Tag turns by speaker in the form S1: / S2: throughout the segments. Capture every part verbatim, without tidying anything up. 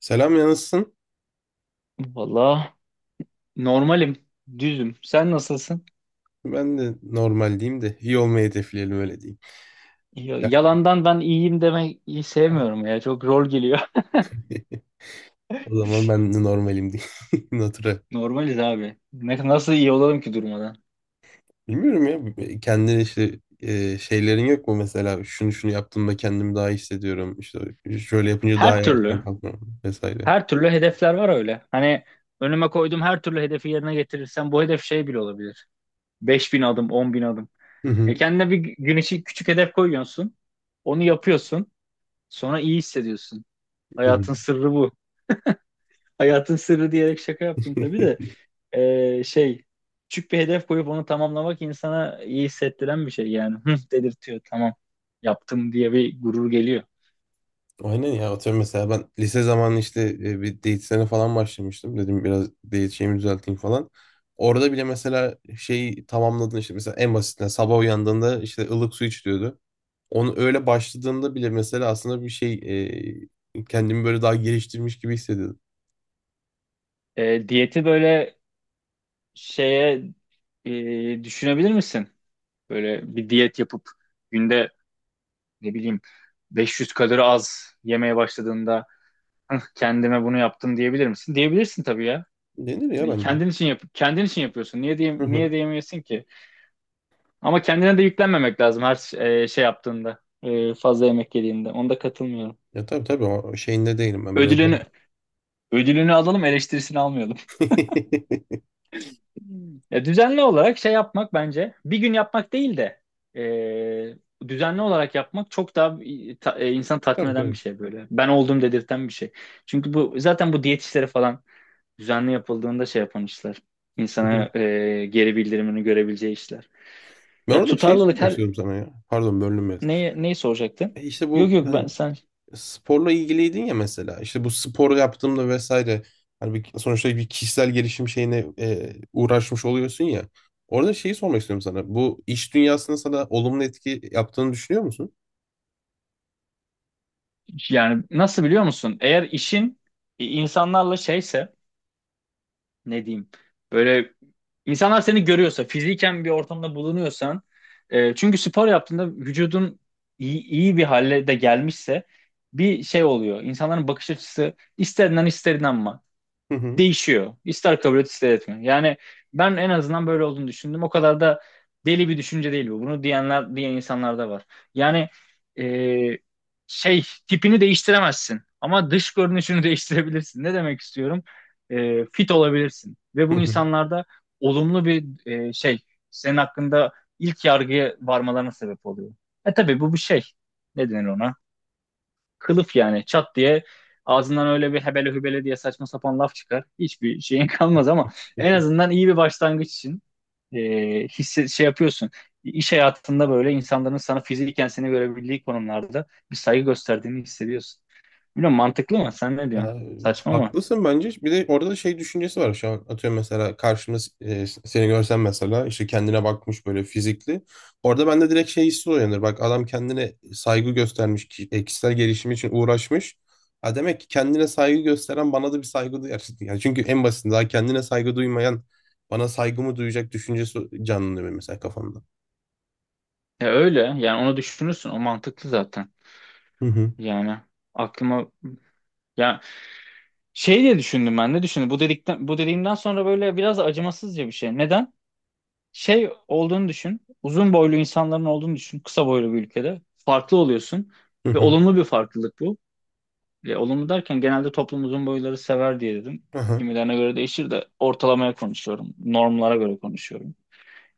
S1: Selam yansın.
S2: Valla normalim, düzüm. Sen nasılsın?
S1: Ben de normal diyeyim de iyi olmayı hedefleyelim öyle diyeyim.
S2: Ya-
S1: Ya,
S2: Yalandan ben iyiyim demek iyi
S1: ha.
S2: sevmiyorum ya. Çok rol geliyor.
S1: O zaman ben de normalim diyeyim. Natura.
S2: Normaliz abi. Ne, nasıl iyi olalım ki durmadan?
S1: Bilmiyorum ya kendine işte e, şeylerin yok mu? Mesela şunu şunu yaptığımda kendimi daha iyi hissediyorum. İşte şöyle yapınca daha
S2: Her
S1: iyi
S2: türlü.
S1: erken kalkıyorum vesaire.
S2: Her türlü hedefler var öyle. Hani önüme koyduğum her türlü hedefi yerine getirirsem bu hedef şey bile olabilir. Beş bin adım, on bin adım.
S1: Hı
S2: Ya
S1: hı.
S2: kendine bir gün için küçük hedef koyuyorsun. Onu yapıyorsun. Sonra iyi hissediyorsun.
S1: Hı hı.
S2: Hayatın sırrı bu. Hayatın sırrı diyerek şaka yaptım tabii de. E, şey, küçük bir hedef koyup onu tamamlamak insana iyi hissettiren bir şey yani. Hı, dedirtiyor, tamam yaptım diye bir gurur geliyor.
S1: Aynen ya, atıyorum mesela ben lise zamanı işte e, bir diyetisyene falan başlamıştım. Dedim biraz diyet şeyimi düzelteyim falan. Orada bile mesela şeyi tamamladın işte, mesela en basitinden sabah uyandığında işte ılık su iç diyordu. Onu öyle başladığında bile mesela aslında bir şey, e, kendimi böyle daha geliştirmiş gibi hissediyordum.
S2: E, diyeti böyle şeye, e, düşünebilir misin? Böyle bir diyet yapıp günde ne bileyim beş yüz kalori az yemeye başladığında, "Hıh, kendime bunu yaptım diyebilir misin?" Diyebilirsin tabii ya.
S1: Denir ya bence.
S2: Kendin için yap, kendin için yapıyorsun. Niye diye
S1: Hı hı.
S2: niye diyemeyesin ki? Ama kendine de yüklenmemek lazım her ş- e, şey yaptığında. E, fazla yemek yediğinde. Onda katılmıyorum.
S1: Ya tabii tabii, ama şeyinde değilim ben biraz.
S2: Ödülünü ödülünü alalım, eleştirisini almayalım. Ya, düzenli olarak şey yapmak bence bir gün yapmak değil de e, düzenli olarak yapmak çok daha e, ta- e, insanı tatmin
S1: Tabii
S2: eden bir
S1: tabii.
S2: şey böyle. Ben olduğum dedirten bir şey. Çünkü bu zaten bu diyet işleri falan düzenli yapıldığında şey yapan işler.
S1: Hı hı.
S2: İnsana e, geri bildirimini görebileceği işler.
S1: Ben
S2: Ya
S1: orada bir şey
S2: tutarlılık
S1: sormak
S2: her
S1: istiyorum sana ya. Pardon bölünmez.
S2: neyi, neyi soracaktın?
S1: E işte
S2: Yok
S1: bu
S2: yok ben
S1: hani
S2: sen
S1: sporla ilgiliydin ya, mesela işte bu spor yaptığımda vesaire, hani bir, sonuçta bir kişisel gelişim şeyine e, uğraşmış oluyorsun ya. Orada şeyi sormak istiyorum sana. Bu iş dünyasında sana olumlu etki yaptığını düşünüyor musun?
S2: Yani nasıl, biliyor musun? Eğer işin e, insanlarla şeyse ne diyeyim, böyle, insanlar seni görüyorsa, fiziken bir ortamda bulunuyorsan, e, çünkü spor yaptığında vücudun iyi, iyi bir hale de gelmişse bir şey oluyor. İnsanların bakış açısı, ister inan ister inanma,
S1: Hı hı.
S2: değişiyor. İster kabul et ister etme. Yani ben en azından böyle olduğunu düşündüm. O kadar da deli bir düşünce değil bu. Bunu diyenler diyen insanlar da var. Yani, e, şey tipini değiştiremezsin ama dış görünüşünü değiştirebilirsin. Ne demek istiyorum? E, fit olabilirsin ve
S1: Hı
S2: bu
S1: hı.
S2: insanlarda olumlu bir e, şey, senin hakkında ilk yargıya varmalarına sebep oluyor. E tabii bu bir şey. Ne denir ona? Kılıf yani, çat diye ağzından öyle bir hebele hübele diye saçma sapan laf çıkar. Hiçbir şeyin kalmaz ama en azından iyi bir başlangıç için, e, hisse, şey yapıyorsun. İş hayatında böyle, insanların sana fiziken seni görebildiği konumlarda bir saygı gösterdiğini hissediyorsun. Bilmiyorum, mantıklı mı? Sen ne diyorsun?
S1: Ya,
S2: Saçma mı?
S1: haklısın bence. Bir de orada da şey düşüncesi var şu an. Atıyorum mesela karşımda e, seni görsem, mesela işte kendine bakmış, böyle fizikli. Orada bende direkt şey hissi uyanır. Bak, adam kendine saygı göstermiş. ki- e, Kişisel gelişim için uğraşmış. Ha, demek ki kendine saygı gösteren bana da bir saygı duyar. Yani çünkü en basitinden daha kendine saygı duymayan bana saygımı duyacak düşüncesi canlanıyor benim mesela kafamda.
S2: Ya öyle. Yani onu düşünürsün. O mantıklı zaten.
S1: Hı hı.
S2: Yani aklıma, ya şey diye düşündüm, ben de düşündüm. Bu dedikten bu dediğimden sonra böyle biraz acımasızca bir şey. Neden? Şey olduğunu düşün. Uzun boylu insanların olduğunu düşün. Kısa boylu bir ülkede. Farklı oluyorsun.
S1: Hı
S2: Ve
S1: hı.
S2: olumlu bir farklılık bu. E, olumlu derken genelde toplum uzun boyları sever diye dedim.
S1: Aha.
S2: Kimilerine göre değişir de ortalamaya konuşuyorum. Normlara göre konuşuyorum.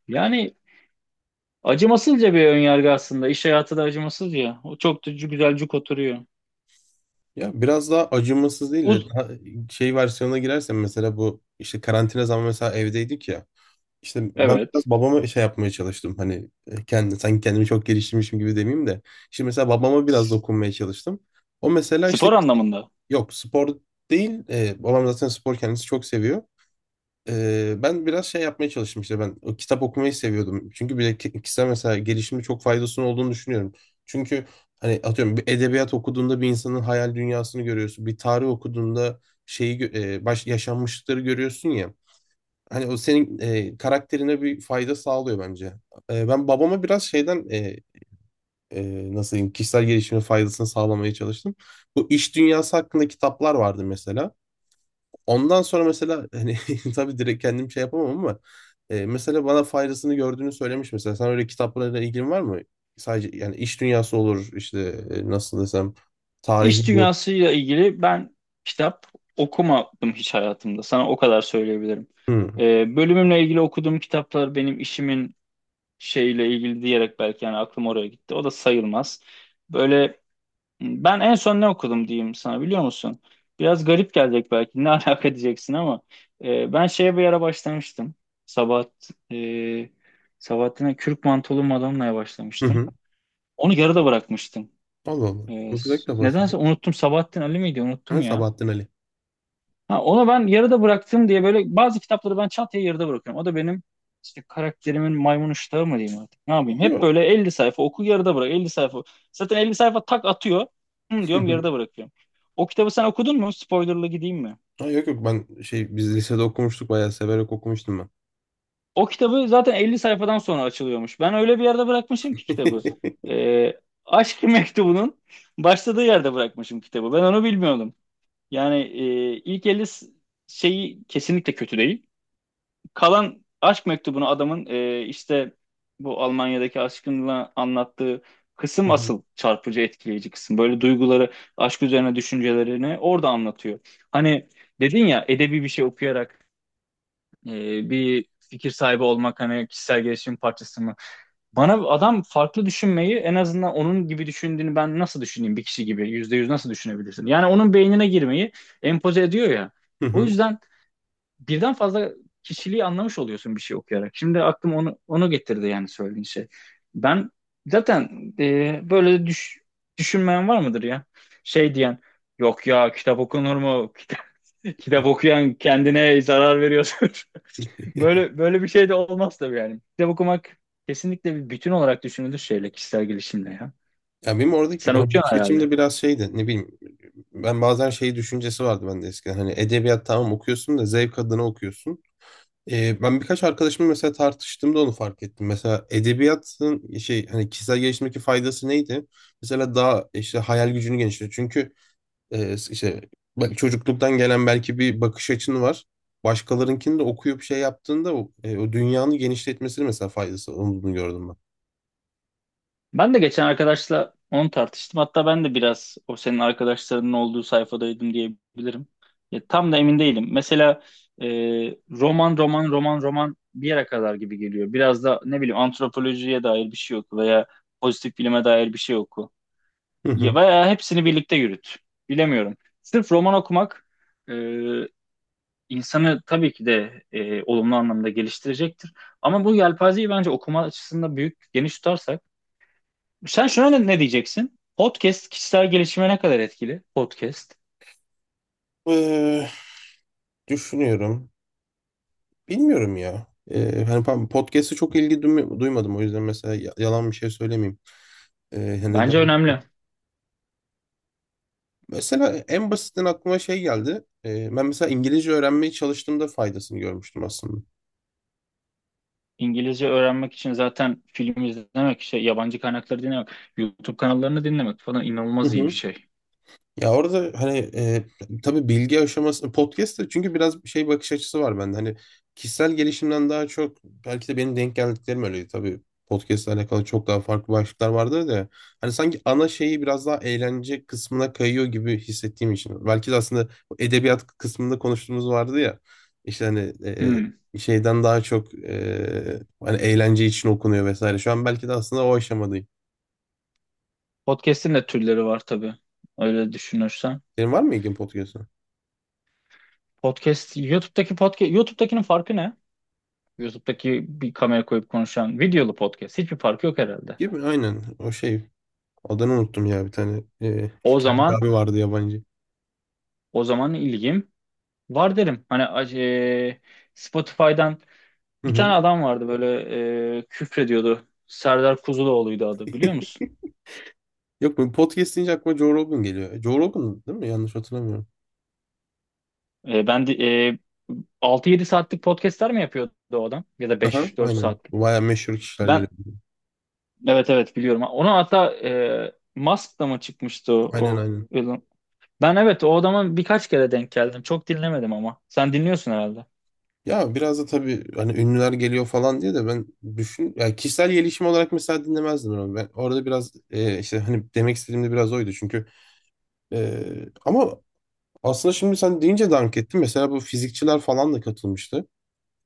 S2: Yani acımasızca bir önyargı aslında. İş hayatı da acımasız ya. O çok da güzelcük oturuyor.
S1: Ya biraz daha acımasız değil de
S2: Uz
S1: daha şey versiyona girersen, mesela bu işte karantina zamanı mesela evdeydik ya. İşte ben biraz
S2: evet.
S1: babama şey yapmaya çalıştım, hani e, kendi sanki kendimi çok geliştirmişim gibi demeyeyim de. İşte mesela babama biraz
S2: S-
S1: dokunmaya çalıştım. O mesela işte,
S2: Spor anlamında.
S1: yok spor değil. E, babam zaten spor kendisi çok seviyor. Ee, ben biraz şey yapmaya çalıştım, işte ben o kitap okumayı seviyordum. Çünkü bir de ki- kişisel mesela gelişimi çok faydasının olduğunu düşünüyorum. Çünkü hani atıyorum bir edebiyat okuduğunda bir insanın hayal dünyasını görüyorsun. Bir tarih okuduğunda şeyi gö- e, baş yaşanmışlıkları görüyorsun ya. Hani o senin e, karakterine bir fayda sağlıyor bence. E, ben babama biraz şeyden e, e, nasıl diyeyim, kişisel gelişimin faydasını sağlamaya çalıştım. Bu iş dünyası hakkında kitaplar vardı mesela. Ondan sonra mesela hani tabii direkt kendim şey yapamam ama e, mesela bana faydasını gördüğünü söylemiş mesela. Sen öyle kitaplarla ilgin var mı? Sadece yani iş dünyası olur işte, e, nasıl desem,
S2: İş
S1: tarihi bu.
S2: dünyasıyla ilgili ben kitap okumadım hiç hayatımda. Sana o kadar söyleyebilirim.
S1: Hı
S2: Ee, bölümümle ilgili okuduğum kitaplar benim işimin şeyle ilgili diyerek, belki, yani aklım oraya gitti. O da sayılmaz. Böyle, ben en son ne okudum diyeyim sana, biliyor musun? Biraz garip gelecek belki, ne alaka diyeceksin, ama e, ben şeye bir ara başlamıştım. Sabahat, e, Sabahattin'e, Kürk Mantolu Madonna'ya
S1: hı.
S2: başlamıştım.
S1: Hı.
S2: Onu yarıda bırakmıştım.
S1: Allah Allah.
S2: Ee,
S1: Çok güzel
S2: s-
S1: kitap aslında.
S2: nedense unuttum. Sabahattin Ali miydi? Unuttum
S1: Ha,
S2: ya.
S1: Sabahattin Ali.
S2: Ha, onu ben yarıda bıraktım diye böyle bazı kitapları ben çantaya yarıda bırakıyorum. O da benim işte karakterimin maymun iştahı mı diyeyim artık. Ne yapayım? Hep
S1: Yok.
S2: böyle elli sayfa oku, yarıda bırak. Elli sayfa. Zaten elli sayfa tak atıyor. Hı,
S1: Hı
S2: diyorum,
S1: hı.
S2: yarıda bırakıyorum. O kitabı sen okudun mu? Spoilerlı gideyim mi?
S1: Ha, yok yok, ben şey, biz lisede okumuştuk, bayağı severek okumuştum ben.
S2: O kitabı zaten elli sayfadan sonra açılıyormuş. Ben öyle bir yerde bırakmışım ki kitabı. Ee, Aşk Mektubu'nun başladığı yerde bırakmışım kitabı. Ben onu bilmiyordum. Yani, e, ilk elli s- şeyi kesinlikle kötü değil. Kalan aşk mektubunu adamın, e, işte bu Almanya'daki aşkınla anlattığı
S1: Hı
S2: kısım
S1: hı.
S2: asıl çarpıcı, etkileyici kısım. Böyle duyguları, aşk üzerine düşüncelerini orada anlatıyor. Hani dedin ya, edebi bir şey okuyarak, e, bir fikir sahibi olmak hani kişisel gelişim parçası mı? Bana adam farklı düşünmeyi, en azından onun gibi düşündüğünü ben nasıl düşüneyim, bir kişi gibi yüzde yüz nasıl düşünebilirsin? Yani onun beynine girmeyi empoze ediyor ya.
S1: Hı
S2: O
S1: hı.
S2: yüzden birden fazla kişiliği anlamış oluyorsun bir şey okuyarak. Şimdi aklım onu onu getirdi yani, söylediğin şey. Ben zaten e, böyle düş, düşünmeyen var mıdır ya? Şey diyen, yok ya, kitap okunur mu? Kitap, kitap okuyan, kendine zarar veriyorsun. Böyle böyle bir şey de olmaz tabii yani. Kitap okumak kesinlikle bir bütün olarak düşünülür şeyle, kişisel gelişimle ya.
S1: Ya benim oradaki
S2: Sen
S1: ben bakış
S2: okuyorsun
S1: açımda
S2: herhalde.
S1: biraz şeydi, ne bileyim, ben bazen şey düşüncesi vardı bende eskiden, hani edebiyat tamam okuyorsun da zevk adına okuyorsun. Ee, ben birkaç arkadaşımla mesela tartıştığımda onu fark ettim. Mesela edebiyatın şey, hani kişisel gelişimdeki faydası neydi? Mesela daha işte hayal gücünü genişletiyor. Çünkü e, işte bak, çocukluktan gelen belki bir bakış açın var. Başkalarınkini de okuyup şey yaptığında o, e, o dünyanı genişletmesini, mesela faydası olduğunu gördüm ben.
S2: Ben de geçen arkadaşla onu tartıştım. Hatta ben de biraz o senin arkadaşlarının olduğu sayfadaydım diyebilirim. Ya, tam da emin değilim. Mesela e, roman roman roman roman bir yere kadar gibi geliyor. Biraz da ne bileyim, antropolojiye dair bir şey oku veya pozitif bilime dair bir şey oku.
S1: Hı
S2: Ya,
S1: hı.
S2: veya hepsini birlikte yürüt. Bilemiyorum. Sırf roman okumak e, insanı tabii ki de e, olumlu anlamda geliştirecektir. Ama bu yelpazeyi bence okuma açısından büyük, geniş tutarsak. Sen şuna ne, ne diyeceksin? Podcast kişisel gelişime ne kadar etkili? Podcast.
S1: Ee, Düşünüyorum. Bilmiyorum ya. Ee, hani pa- podcast'e çok ilgi duyma- duymadım, o yüzden mesela ya- yalan bir şey söylemeyeyim. Ee, hani
S2: Bence
S1: daha-
S2: önemli.
S1: mesela en basitinden aklıma şey geldi. Ee, ben mesela İngilizce öğrenmeye çalıştığımda faydasını görmüştüm aslında.
S2: İngilizce öğrenmek için zaten film izlemek, şey, yabancı kaynakları dinlemek, YouTube kanallarını dinlemek falan
S1: Hı
S2: inanılmaz iyi bir
S1: hı.
S2: şey.
S1: Ya orada hani e, tabii bilgi aşaması podcast da, çünkü biraz şey bakış açısı var bende. Hani kişisel gelişimden daha çok, belki de benim denk geldiklerim öyleydi. Tabii podcast'le alakalı çok daha farklı başlıklar vardı da, hani sanki ana şeyi biraz daha eğlence kısmına kayıyor gibi hissettiğim için. Belki de aslında bu edebiyat kısmında konuştuğumuz vardı ya. İşte hani
S2: Hmm.
S1: e, şeyden daha çok e, hani eğlence için okunuyor vesaire. Şu an belki de aslında o aşamadayım.
S2: Podcast'in de türleri var tabii. Öyle düşünürsen.
S1: Senin var mı ilgin podcast'a?
S2: Podcast, YouTube'daki podcast, YouTube'dakinin farkı ne? YouTube'daki bir kamera koyup konuşan videolu podcast. Hiçbir farkı yok herhalde.
S1: Gibi, aynen o şey. Adını unuttum ya, bir tane. Ee,
S2: O
S1: kendi bir
S2: zaman
S1: abi vardı, yabancı.
S2: o zaman ilgim var derim. Hani, e, Spotify'dan
S1: Hı
S2: bir
S1: hı.
S2: tane adam vardı, böyle, e, küfrediyordu. Serdar Kuzuloğlu'ydu adı, biliyor musun?
S1: Yok, bu podcast deyince aklıma Joe Rogan geliyor. E, Joe Rogan değil mi? Yanlış hatırlamıyorum.
S2: E, ben de, e, altı yedi saatlik podcastler mi yapıyordu o adam? Ya da
S1: Aha,
S2: beş dört
S1: aynen.
S2: saatlik.
S1: Baya meşhur kişiler geliyor.
S2: Ben, evet evet, biliyorum. Ona hatta, e, Musk'la mı çıkmıştı o?
S1: Aynen
S2: O
S1: aynen.
S2: Elon? Ben, evet, o adama birkaç kere denk geldim. Çok dinlemedim ama. Sen dinliyorsun herhalde.
S1: Ya biraz da tabii hani ünlüler geliyor falan diye de ben düşün ya, kişisel gelişim olarak mesela dinlemezdim onu. Ben orada biraz e, işte hani demek istediğim de biraz oydu. Çünkü e, ama aslında şimdi sen deyince dank ettim. Mesela bu fizikçiler falan da katılmıştı.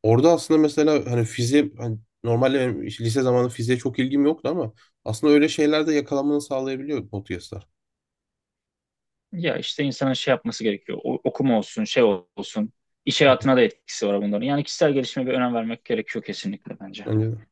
S1: Orada aslında mesela hani fiziğe hani, normalde benim işte lise zamanı fiziğe çok ilgim yoktu ama aslında öyle şeylerde yakalanmanı sağlayabiliyor podcastlar.
S2: Ya işte insanın şey yapması gerekiyor. O- okuma olsun, şey olsun. İş hayatına da etkisi var bunların. Yani kişisel gelişime bir önem vermek gerekiyor kesinlikle bence.
S1: Bence de.